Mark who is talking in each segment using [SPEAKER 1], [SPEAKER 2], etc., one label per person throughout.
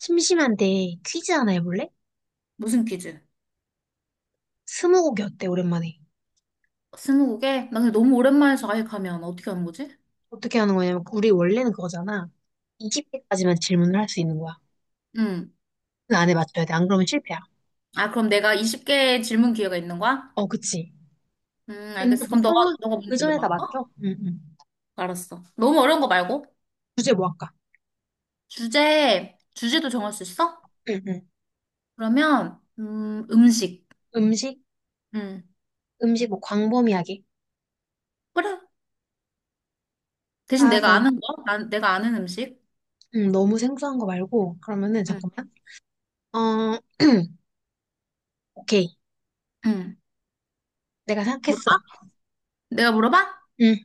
[SPEAKER 1] 심심한데 퀴즈 하나 해볼래?
[SPEAKER 2] 무슨 퀴즈?
[SPEAKER 1] 스무고개 어때, 오랜만에?
[SPEAKER 2] 스무고개? 나 근데 너무 오랜만에 자격하면 어떻게 하는 거지?
[SPEAKER 1] 어떻게 하는 거냐면, 우리 원래는 그거잖아. 20개까지만 질문을 할 수 있는 거야.
[SPEAKER 2] 응.
[SPEAKER 1] 그 안에 맞춰야 돼. 안 그러면 실패야.
[SPEAKER 2] 아, 그럼 내가 20개 질문 기회가 있는 거야?
[SPEAKER 1] 어, 그치. 근데
[SPEAKER 2] 알겠어. 그럼 너가,
[SPEAKER 1] 보통은
[SPEAKER 2] 너가
[SPEAKER 1] 그
[SPEAKER 2] 문제
[SPEAKER 1] 전에
[SPEAKER 2] 내봐.
[SPEAKER 1] 다
[SPEAKER 2] 어?
[SPEAKER 1] 맞춰. 응, 응.
[SPEAKER 2] 알았어. 너무 어려운 거 말고.
[SPEAKER 1] 주제 뭐 할까?
[SPEAKER 2] 주제도 정할 수 있어?
[SPEAKER 1] 응, 응.
[SPEAKER 2] 그러면, 음식.
[SPEAKER 1] 음식?
[SPEAKER 2] 응.
[SPEAKER 1] 음식 뭐 광범위하게.
[SPEAKER 2] 그래. 대신
[SPEAKER 1] 아,
[SPEAKER 2] 내가
[SPEAKER 1] 그럼,
[SPEAKER 2] 아는 거? 내가 아는 음식?
[SPEAKER 1] 응, 너무 생소한 거 말고. 그러면은,
[SPEAKER 2] 응.
[SPEAKER 1] 잠깐만. 어, 오케이.
[SPEAKER 2] 응.
[SPEAKER 1] 내가
[SPEAKER 2] 물어봐?
[SPEAKER 1] 생각했어.
[SPEAKER 2] 내가 물어봐?
[SPEAKER 1] 응,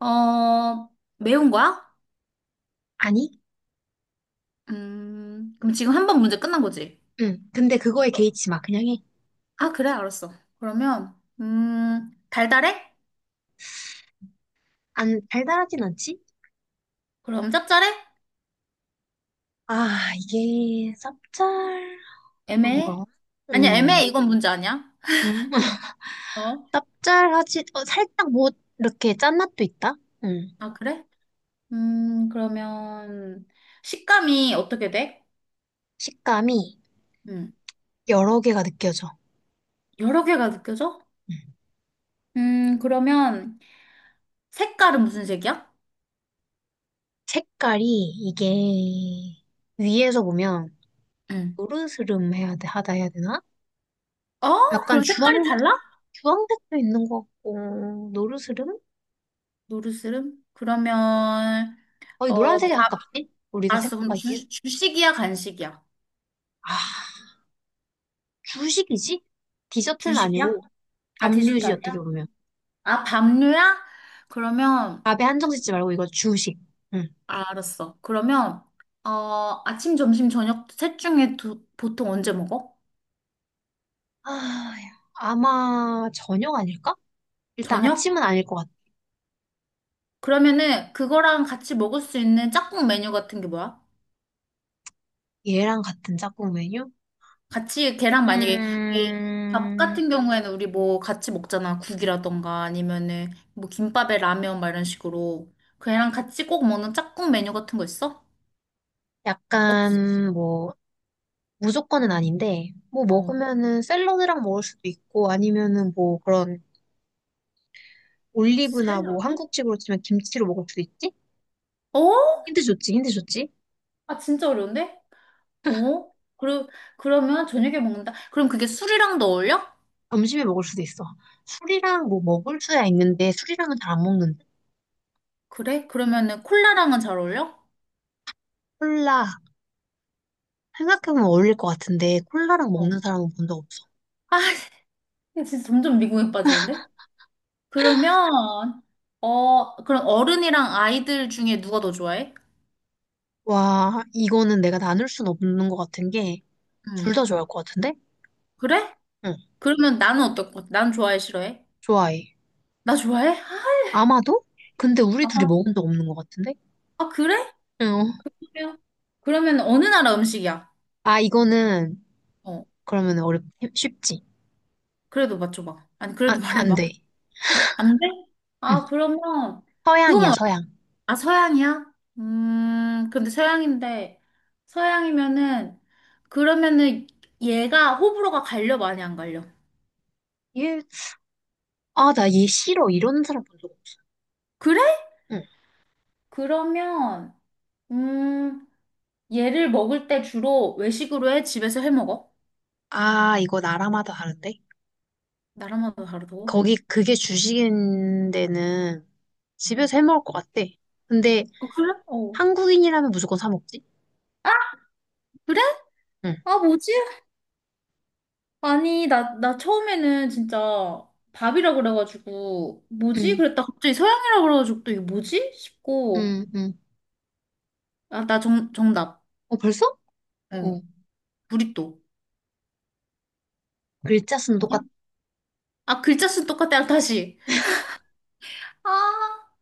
[SPEAKER 2] 어, 매운 거야?
[SPEAKER 1] 아니?
[SPEAKER 2] 그럼 지금 한 번 문제 끝난 거지?
[SPEAKER 1] 응. 근데 그거에 개의치 마. 그냥 해.
[SPEAKER 2] 아, 그래, 알았어. 그러면, 달달해?
[SPEAKER 1] 안, 달달하진 않지?
[SPEAKER 2] 그럼 짭짤해?
[SPEAKER 1] 아, 이게 쌉짤한
[SPEAKER 2] 애매해?
[SPEAKER 1] 거
[SPEAKER 2] 아니야,
[SPEAKER 1] 음,
[SPEAKER 2] 애매해. 이건 문제 아니야.
[SPEAKER 1] 응?
[SPEAKER 2] 어?
[SPEAKER 1] 쌉짤하지, 어, 살짝 뭐, 이렇게 짠맛도 있다? 음,
[SPEAKER 2] 아, 그래? 그러면, 식감이 어떻게 돼?
[SPEAKER 1] 식감이
[SPEAKER 2] 음,
[SPEAKER 1] 여러 개가 느껴져.
[SPEAKER 2] 여러 개가 느껴져?
[SPEAKER 1] 음.
[SPEAKER 2] 그러면, 색깔은 무슨 색이야?
[SPEAKER 1] 색깔이 이게 위에서 보면
[SPEAKER 2] 음.
[SPEAKER 1] 노르스름해야 돼, 하다 해야 되나?
[SPEAKER 2] 어?
[SPEAKER 1] 약간
[SPEAKER 2] 그럼
[SPEAKER 1] 주황,
[SPEAKER 2] 색깔이 달라?
[SPEAKER 1] 주황색도 있는 것 같고, 노르스름?
[SPEAKER 2] 노르스름? 그러면,
[SPEAKER 1] 거의
[SPEAKER 2] 어,
[SPEAKER 1] 노란색에
[SPEAKER 2] 밥,
[SPEAKER 1] 가깝지? 우리가
[SPEAKER 2] 알았어. 그럼
[SPEAKER 1] 생각하기엔.
[SPEAKER 2] 주식이야, 간식이야?
[SPEAKER 1] 아, 주식이지? 디저트는
[SPEAKER 2] 주식이야?
[SPEAKER 1] 아니고,
[SPEAKER 2] 아, 디저트
[SPEAKER 1] 밥류지, 어떻게
[SPEAKER 2] 아니야?
[SPEAKER 1] 보면.
[SPEAKER 2] 아, 밥류야? 그러면,
[SPEAKER 1] 밥에 한정 짓지 말고 이거 주식. 응.
[SPEAKER 2] 알았어. 그러면 어, 아침, 점심, 저녁 셋 중에 보통 언제 먹어?
[SPEAKER 1] 아, 야. 아마 저녁 아닐까? 일단
[SPEAKER 2] 저녁?
[SPEAKER 1] 아침은 아닐 것 같아.
[SPEAKER 2] 그러면은 그거랑 같이 먹을 수 있는 짝꿍 메뉴 같은 게 뭐야?
[SPEAKER 1] 얘랑 같은 짝꿍 메뉴?
[SPEAKER 2] 같이 걔랑 만약에 이밥
[SPEAKER 1] 음,
[SPEAKER 2] 같은 경우에는 우리 뭐 같이 먹잖아. 국이라던가 아니면은 뭐 김밥에 라면 막 이런 식으로 걔랑 같이 꼭 먹는 짝꿍 메뉴 같은 거 있어? 없지?
[SPEAKER 1] 약간 뭐 무조건은 아닌데 뭐
[SPEAKER 2] 어.
[SPEAKER 1] 먹으면은 샐러드랑 먹을 수도 있고 아니면은 뭐 그런 올리브나 뭐
[SPEAKER 2] 샐러드?
[SPEAKER 1] 한국식으로 치면 김치로 먹을 수도 있지?
[SPEAKER 2] 어?
[SPEAKER 1] 힌트 좋지, 힌트 좋지?
[SPEAKER 2] 아 진짜 어려운데? 어? 그러, 그러면 저녁에 먹는다? 그럼 그게 술이랑도 어울려?
[SPEAKER 1] 점심에 먹을 수도 있어. 술이랑 뭐 먹을 수야 있는데 술이랑은 잘 안 먹는데
[SPEAKER 2] 그래? 그러면은 콜라랑은 잘 어울려?
[SPEAKER 1] 콜라, 생각해보면 어울릴 것 같은데 콜라랑
[SPEAKER 2] 어.
[SPEAKER 1] 먹는 사람은 본 적 없어.
[SPEAKER 2] 아, 진짜 점점 미국에 빠지는데? 그러면, 어, 그럼 어른이랑 아이들 중에 누가 더 좋아해?
[SPEAKER 1] 와, 이거는 내가 나눌 순 없는 것 같은 게 둘
[SPEAKER 2] 음.
[SPEAKER 1] 다 좋아할 것 같은데?
[SPEAKER 2] 그래?
[SPEAKER 1] 응,
[SPEAKER 2] 그러면 나는 어떨 것 같아? 난 좋아해, 싫어해?
[SPEAKER 1] 좋아해.
[SPEAKER 2] 나 좋아해?
[SPEAKER 1] 아마도? 근데 우리
[SPEAKER 2] 아,
[SPEAKER 1] 둘이
[SPEAKER 2] 아,
[SPEAKER 1] 먹은 적 없는 것 같은데?
[SPEAKER 2] 아, 그래?
[SPEAKER 1] 응.
[SPEAKER 2] 그래요. 그러면 어느 나라 음식이야?
[SPEAKER 1] 아, 이거는
[SPEAKER 2] 어,
[SPEAKER 1] 그러면 어렵 쉽지.
[SPEAKER 2] 그래도 맞춰봐. 아니,
[SPEAKER 1] 아,
[SPEAKER 2] 그래도
[SPEAKER 1] 안
[SPEAKER 2] 말해봐.
[SPEAKER 1] 돼.
[SPEAKER 2] 안 돼?
[SPEAKER 1] 응.
[SPEAKER 2] 아, 그러면,
[SPEAKER 1] 서양이야,
[SPEAKER 2] 그거만
[SPEAKER 1] 서양.
[SPEAKER 2] 아, 서양이야? 근데 서양인데, 서양이면은, 그러면은 얘가 호불호가 갈려, 많이 안 갈려?
[SPEAKER 1] 얘, 아, 나 얘 싫어. 이러는 사람 본 적 없어.
[SPEAKER 2] 그래?
[SPEAKER 1] 응.
[SPEAKER 2] 그러면, 음, 얘를 먹을 때 주로 외식으로 해? 집에서 해 먹어?
[SPEAKER 1] 아, 이거 나라마다 다른데?
[SPEAKER 2] 나라마다 다르다고?
[SPEAKER 1] 거기 그게 주식인 데는
[SPEAKER 2] 어.
[SPEAKER 1] 집에서 해 먹을 것 같대. 근데
[SPEAKER 2] 어, 그래? 어.
[SPEAKER 1] 한국인이라면 무조건 사 먹지?
[SPEAKER 2] 아, 그래?
[SPEAKER 1] 응.
[SPEAKER 2] 아, 뭐지? 아니, 나 처음에는 진짜 밥이라 그래가지고, 뭐지?
[SPEAKER 1] 응,
[SPEAKER 2] 그랬다. 갑자기 서양이라 그래가지고 또 이게 뭐지? 싶고,
[SPEAKER 1] 응, 응.
[SPEAKER 2] 아, 정답.
[SPEAKER 1] 어, 벌써?
[SPEAKER 2] 어,
[SPEAKER 1] 어.
[SPEAKER 2] 부리또.
[SPEAKER 1] 글자 수는 똑같.
[SPEAKER 2] 아, 글자 수는 똑같아. 다시. 아,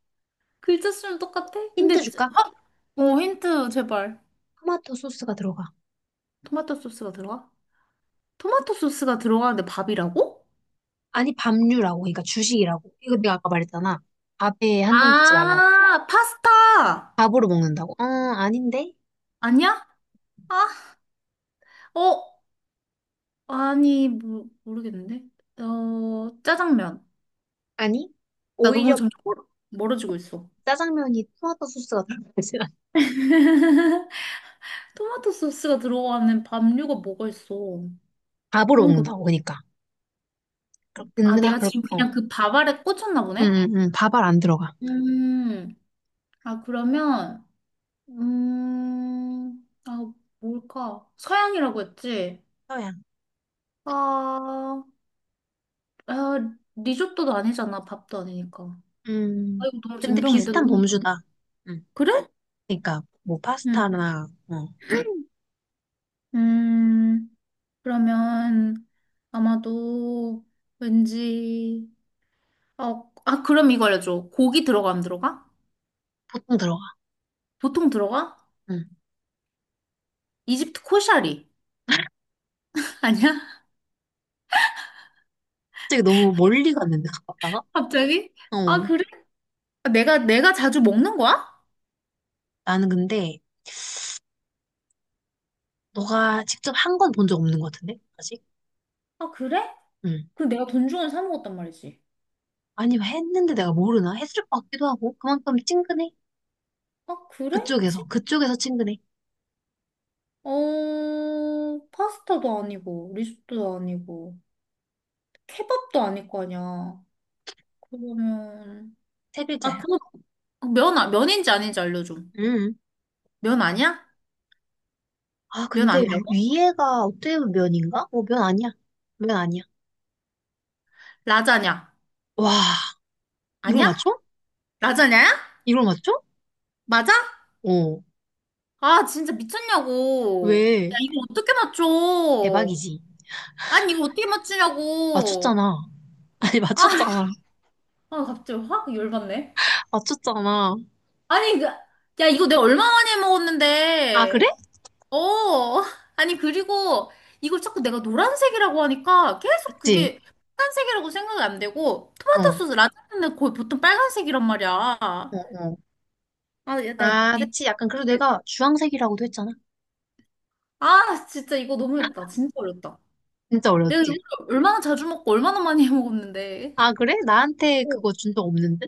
[SPEAKER 2] 글자 수는 똑같아?
[SPEAKER 1] 힌트
[SPEAKER 2] 근데,
[SPEAKER 1] 줄까?
[SPEAKER 2] 아, 어, 힌트 제발.
[SPEAKER 1] 토마토 소스가 들어가.
[SPEAKER 2] 토마토 소스가 들어가? 토마토 소스가 들어가는데 밥이라고?
[SPEAKER 1] 아니, 밥류라고. 그러니까 주식이라고. 이거 내가 아까 말했잖아. 밥에 한정 짓지 말라고.
[SPEAKER 2] 아, 파스타!
[SPEAKER 1] 밥으로 먹는다고. 어, 아닌데?
[SPEAKER 2] 아니야? 아, 어, 아니, 모르겠는데. 어, 짜장면.
[SPEAKER 1] 아니?
[SPEAKER 2] 나 너무
[SPEAKER 1] 오히려
[SPEAKER 2] 점점 멀어지고 있어.
[SPEAKER 1] 짜장면이 토마토 소스가 들어가지 않아.
[SPEAKER 2] 토마토 소스가 들어가는 밥류가 뭐가 있어?
[SPEAKER 1] 밥으로
[SPEAKER 2] 그런 게, 없-
[SPEAKER 1] 먹는다고. 그러니까. 그럼
[SPEAKER 2] 아, 내가 지금
[SPEAKER 1] 어.
[SPEAKER 2] 그냥 그 밥 아래 꽂혔나
[SPEAKER 1] 응,
[SPEAKER 2] 보네?
[SPEAKER 1] 응, 응. 밥알 안 들어가.
[SPEAKER 2] 음, 아, 그러면, 아, 뭘까? 서양이라고 했지?
[SPEAKER 1] 서양.
[SPEAKER 2] 아, 아, 리조또도 아니잖아. 밥도 아니니까.
[SPEAKER 1] 음.
[SPEAKER 2] 아, 이거 너무
[SPEAKER 1] 근데
[SPEAKER 2] 젬병인데?
[SPEAKER 1] 비슷한
[SPEAKER 2] 너무 못하네.
[SPEAKER 1] 범주다. 응.
[SPEAKER 2] 그래?
[SPEAKER 1] 그러니까, 뭐,
[SPEAKER 2] 응.
[SPEAKER 1] 파스타나, 어.
[SPEAKER 2] 음, 그러면 아마도 왠지, 어, 아, 그럼 이거 알려줘. 고기 들어가, 안 들어가?
[SPEAKER 1] 보통 들어가.
[SPEAKER 2] 보통 들어가?
[SPEAKER 1] 응.
[SPEAKER 2] 이집트 코샤리. 아니야?
[SPEAKER 1] 갑자기 너무 멀리 갔는데, 가깝다가?
[SPEAKER 2] 갑자기? 아,
[SPEAKER 1] 어,
[SPEAKER 2] 그래? 아, 내가 자주 먹는 거야?
[SPEAKER 1] 나는 근데 너가 직접 한 건 본 적 없는 것 같은데? 아직?
[SPEAKER 2] 아, 그래?
[SPEAKER 1] 응.
[SPEAKER 2] 그럼 내가 돈 주고 사 먹었단 말이지.
[SPEAKER 1] 아니면 했는데 내가 모르나? 했을 것 같기도 하고 그만큼 친근해.
[SPEAKER 2] 아, 그래?
[SPEAKER 1] 그쪽에서
[SPEAKER 2] 친구?
[SPEAKER 1] 그쪽에서 친근해.
[SPEAKER 2] 어, 파스타도 아니고, 리조또도 아니고, 케밥도 아닐 거 아니야. 그러면,
[SPEAKER 1] 세
[SPEAKER 2] 아,
[SPEAKER 1] 글자야.
[SPEAKER 2] 그거, 면, 아- 면인지 아닌지 알려줘.
[SPEAKER 1] 응.
[SPEAKER 2] 면 아니야?
[SPEAKER 1] 아
[SPEAKER 2] 면
[SPEAKER 1] 근데
[SPEAKER 2] 아니라고?
[SPEAKER 1] 위에가 어떻게 보면 면인가? 어, 면 아니야. 면 아니야.
[SPEAKER 2] 라자냐?
[SPEAKER 1] 와, 이걸
[SPEAKER 2] 아니야?
[SPEAKER 1] 맞춰?
[SPEAKER 2] 라자냐야?
[SPEAKER 1] 이걸 맞춰?
[SPEAKER 2] 맞아?
[SPEAKER 1] 어.
[SPEAKER 2] 아, 진짜 미쳤냐고. 야,
[SPEAKER 1] 왜?
[SPEAKER 2] 이거 어떻게 맞춰?
[SPEAKER 1] 대박이지.
[SPEAKER 2] 아니, 이거 어떻게 맞추냐고.
[SPEAKER 1] 맞췄잖아. 아니
[SPEAKER 2] 아,
[SPEAKER 1] 맞췄잖아.
[SPEAKER 2] 아, 갑자기 확 열받네.
[SPEAKER 1] 맞췄잖아.
[SPEAKER 2] 아니, 그, 야, 이거 내가 얼마 만에
[SPEAKER 1] 아 그래?
[SPEAKER 2] 먹었는데. 어, 아니, 그리고 이걸 자꾸 내가 노란색이라고 하니까 계속
[SPEAKER 1] 그치?
[SPEAKER 2] 그게 빨간색이라고 생각이 안 되고, 토마토
[SPEAKER 1] 어.
[SPEAKER 2] 소스 라자냐는 거의 보통 빨간색이란 말이야.
[SPEAKER 1] 어,
[SPEAKER 2] 아,
[SPEAKER 1] 어.
[SPEAKER 2] 야, 나,
[SPEAKER 1] 아,
[SPEAKER 2] 니,
[SPEAKER 1] 그치. 약간 그래도 내가 주황색이라고도 했잖아.
[SPEAKER 2] 아, 진짜 이거 너무했다. 진짜 어렵다.
[SPEAKER 1] 진짜
[SPEAKER 2] 내가 이걸
[SPEAKER 1] 어려웠지.
[SPEAKER 2] 얼마나 자주 먹고 얼마나 많이 해 먹었는데.
[SPEAKER 1] 아, 그래? 나한테
[SPEAKER 2] 오.
[SPEAKER 1] 그거 준 적 없는데?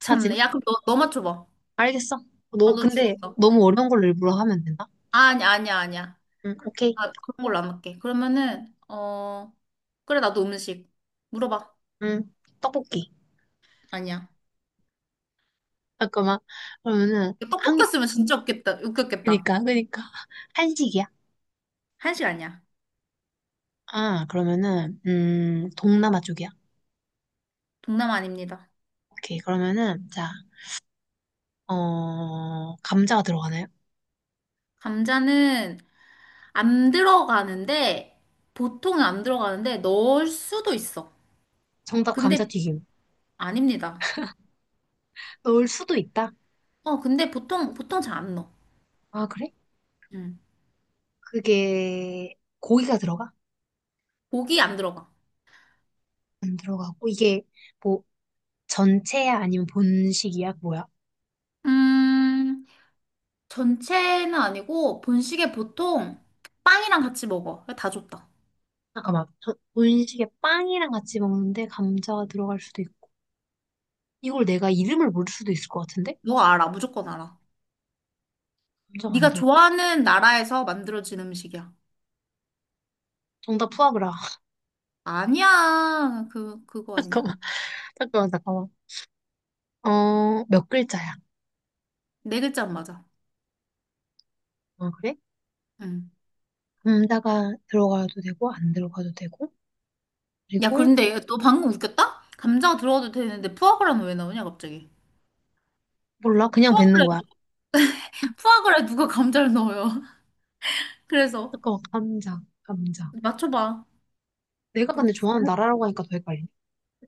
[SPEAKER 1] 사진?
[SPEAKER 2] 참네. 야, 그럼 너 맞춰봐.
[SPEAKER 1] 알겠어.
[SPEAKER 2] 아,
[SPEAKER 1] 너,
[SPEAKER 2] 너
[SPEAKER 1] 근데
[SPEAKER 2] 죽었어.
[SPEAKER 1] 너무 어려운 걸로 일부러 하면 된다?
[SPEAKER 2] 아니, 아니야.
[SPEAKER 1] 응, 오케이.
[SPEAKER 2] 아, 그런 걸로 안 할게. 그러면은, 어, 그래, 나도 음식. 물어봐.
[SPEAKER 1] 응, 떡볶이.
[SPEAKER 2] 아니야.
[SPEAKER 1] 잠깐만. 그러면은,
[SPEAKER 2] 떡볶
[SPEAKER 1] 한,
[SPEAKER 2] 였으면 진짜 웃겠다, 웃겼겠다.
[SPEAKER 1] 그니까, 그니까. 한식이야?
[SPEAKER 2] 한식 아니야.
[SPEAKER 1] 아, 그러면은, 동남아 쪽이야?
[SPEAKER 2] 동남 아닙니다.
[SPEAKER 1] 오케이. 그러면은, 자, 어, 감자가 들어가나요?
[SPEAKER 2] 감자는 안 들어가는데, 보통은 안 들어가는데, 넣을 수도 있어.
[SPEAKER 1] 정답
[SPEAKER 2] 근데,
[SPEAKER 1] 감자튀김.
[SPEAKER 2] 아닙니다.
[SPEAKER 1] 넣을 수도 있다.
[SPEAKER 2] 어, 근데 보통 잘 안 넣어.
[SPEAKER 1] 아, 그래?
[SPEAKER 2] 음.
[SPEAKER 1] 그게, 고기가 들어가?
[SPEAKER 2] 고기 안 들어가.
[SPEAKER 1] 안 들어가고, 이게, 뭐, 전체야? 아니면 본식이야? 뭐야?
[SPEAKER 2] 음, 전체는 아니고, 본식에 보통 빵이랑 같이 먹어. 다 줬다.
[SPEAKER 1] 잠깐만. 저 분식에 빵이랑 같이 먹는데 감자가 들어갈 수도 있고. 이걸 내가 이름을 모를 수도 있을 것 같은데?
[SPEAKER 2] 너 알아, 무조건 알아.
[SPEAKER 1] 감자가 안
[SPEAKER 2] 네가
[SPEAKER 1] 들어.
[SPEAKER 2] 좋아하는 나라에서 만들어진 음식이야.
[SPEAKER 1] 정답 푸아그라.
[SPEAKER 2] 아니야, 그거 아니야.
[SPEAKER 1] 잠깐만, 잠깐만. 어, 몇 글자야?
[SPEAKER 2] 네 글자 안 맞아.
[SPEAKER 1] 아, 그래?
[SPEAKER 2] 응.
[SPEAKER 1] 감자가 들어가도 되고, 안 들어가도 되고.
[SPEAKER 2] 야,
[SPEAKER 1] 그리고,
[SPEAKER 2] 근데 너 방금 웃겼다? 감자 들어가도 되는데 푸아그라는 왜 나오냐, 갑자기?
[SPEAKER 1] 몰라. 그냥 뱉는
[SPEAKER 2] 푸아그라,
[SPEAKER 1] 거야.
[SPEAKER 2] 푸아그라에 누가 감자를 넣어요? 그래서
[SPEAKER 1] 잠깐만, 감자, 감자.
[SPEAKER 2] 맞춰봐.
[SPEAKER 1] 내가 근데 좋아하는
[SPEAKER 2] 네.
[SPEAKER 1] 나라라고 하니까 더 헷갈리네.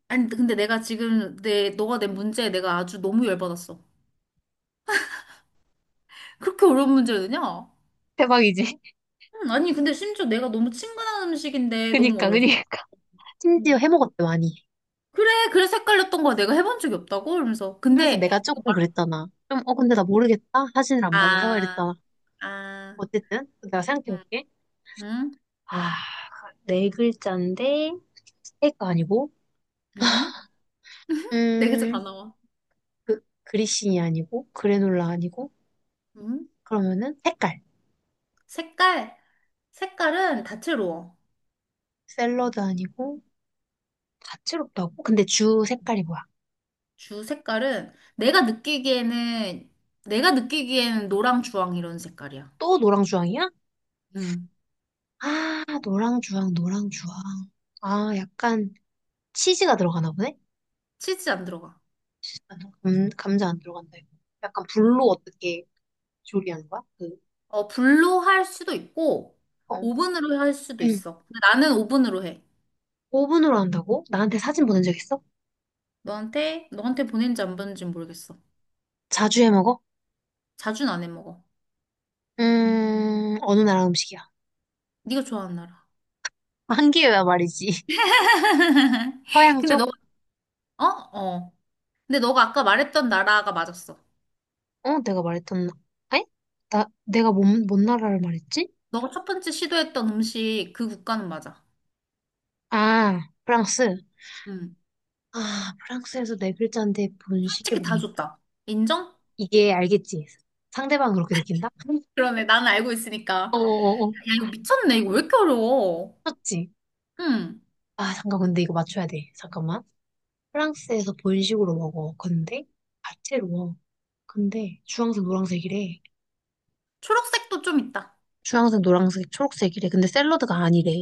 [SPEAKER 2] 아니, 근데 내가 지금 너가 낸 문제에 내가 아주 너무 열받았어. 그렇게 어려운 문제를 내냐?
[SPEAKER 1] 대박이지?
[SPEAKER 2] 아니, 근데 심지어 내가 너무 친근한 음식인데 너무
[SPEAKER 1] 그니까,
[SPEAKER 2] 어려웠어.
[SPEAKER 1] 그니까. 심지어
[SPEAKER 2] 응.
[SPEAKER 1] 해먹었대, 많이.
[SPEAKER 2] 그래, 그래서 헷갈렸던 거야. 내가 해본 적이 없다고? 이러면서.
[SPEAKER 1] 그래서
[SPEAKER 2] 근데,
[SPEAKER 1] 내가
[SPEAKER 2] 그거
[SPEAKER 1] 조금
[SPEAKER 2] 말-
[SPEAKER 1] 그랬잖아. 좀, 어, 근데
[SPEAKER 2] 응.
[SPEAKER 1] 나 모르겠다. 사진을 안 받아서
[SPEAKER 2] 아,
[SPEAKER 1] 이랬잖아.
[SPEAKER 2] 아,
[SPEAKER 1] 어쨌든, 내가
[SPEAKER 2] 응,
[SPEAKER 1] 생각해볼게.
[SPEAKER 2] 응,
[SPEAKER 1] 아, 네 글자인데, 스테이크 아니고,
[SPEAKER 2] 응. 네 글자 다
[SPEAKER 1] 음,
[SPEAKER 2] 나와.
[SPEAKER 1] 그, 그리신이 아니고, 그래놀라 아니고,
[SPEAKER 2] 응?
[SPEAKER 1] 그러면은 색깔.
[SPEAKER 2] 색깔. 색깔은 다채로워.
[SPEAKER 1] 샐러드 아니고, 다채롭다고? 근데 주 색깔이 뭐야?
[SPEAKER 2] 주 색깔은 내가 느끼기에는 노랑 주황 이런 색깔이야.
[SPEAKER 1] 또 노랑주황이야?
[SPEAKER 2] 음.
[SPEAKER 1] 아, 노랑주황, 노랑주황. 아, 약간 치즈가 들어가나 보네?
[SPEAKER 2] 치즈 안 들어가.
[SPEAKER 1] 잠깐만, 감자 안 들어간다, 이거. 약간 불로 어떻게 조리하는 거야? 그,
[SPEAKER 2] 어, 불로 할 수도 있고
[SPEAKER 1] 어.
[SPEAKER 2] 오븐으로 할 수도
[SPEAKER 1] 음.
[SPEAKER 2] 있어. 근데 나는 오븐으로 해.
[SPEAKER 1] 오븐으로 한다고? 나한테 사진 보낸 적 있어?
[SPEAKER 2] 너한테 보낸지 안 보낸지 모르겠어.
[SPEAKER 1] 자주 해 먹어?
[SPEAKER 2] 자주는 안 해 먹어.
[SPEAKER 1] 어느 나라 음식이야?
[SPEAKER 2] 네가 좋아하는 나라.
[SPEAKER 1] 한기회야 말이지. 서양
[SPEAKER 2] 근데
[SPEAKER 1] 쪽?
[SPEAKER 2] 너가 어? 어. 근데 너가 아까 말했던 나라가 맞았어.
[SPEAKER 1] 어, 내가 말했던, 아니? 나, 내가 뭔 나라를 말했지?
[SPEAKER 2] 너가 첫 번째 시도했던 음식 그 국가는 맞아.
[SPEAKER 1] 아, 프랑스.
[SPEAKER 2] 음.
[SPEAKER 1] 아, 프랑스에서 네 글자인데 본식이
[SPEAKER 2] 솔직히 다
[SPEAKER 1] 뭐야?
[SPEAKER 2] 줬다. 인정?
[SPEAKER 1] 이게 알겠지? 상대방 그렇게 느낀다?
[SPEAKER 2] 그러네. 나는 알고 있으니까. 야,
[SPEAKER 1] 어어어.
[SPEAKER 2] 이거 미쳤네. 이거 왜 이렇게 어려워?
[SPEAKER 1] 맞지?
[SPEAKER 2] 응.
[SPEAKER 1] 아, 잠깐, 근데 이거 맞춰야 돼. 잠깐만. 프랑스에서 본식으로 먹어. 근데, 야채로. 근데, 주황색, 노란색이래.
[SPEAKER 2] 초록색도 좀 있다.
[SPEAKER 1] 주황색, 노란색, 초록색이래. 근데 샐러드가 아니래.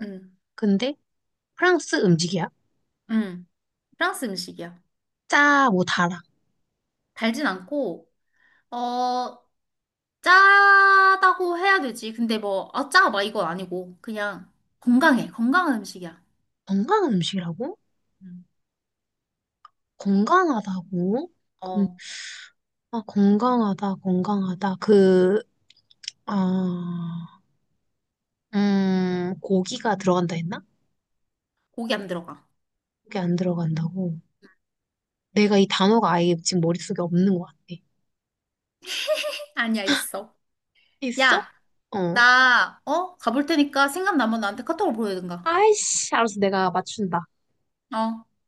[SPEAKER 2] 응.
[SPEAKER 1] 근데, 프랑스 음식이야.
[SPEAKER 2] 응. 프랑스 음식이야.
[SPEAKER 1] 짜, 뭐, 달아.
[SPEAKER 2] 달진 않고, 어, 짜다고 해야 되지. 근데 뭐, 아, 짜, 막 이건 아니고. 그냥 건강해. 건강한 음식이야.
[SPEAKER 1] 건강한 음식이라고?
[SPEAKER 2] 응.
[SPEAKER 1] 건강하다고? 근-
[SPEAKER 2] 어,
[SPEAKER 1] 아, 건강하다, 건강하다. 그, 아, 고기가 들어간다 했나?
[SPEAKER 2] 고기 안 들어가.
[SPEAKER 1] 고기 안 들어간다고. 내가 이 단어가 아예 지금 머릿속에 없는 것 같아.
[SPEAKER 2] 아니야, 있어.
[SPEAKER 1] 있어?
[SPEAKER 2] 야,
[SPEAKER 1] 어.
[SPEAKER 2] 나, 어? 가볼 테니까 생각나면 나한테 카톡으로 보내든가.
[SPEAKER 1] 아이씨, 알았어. 내가 맞춘다.
[SPEAKER 2] 어.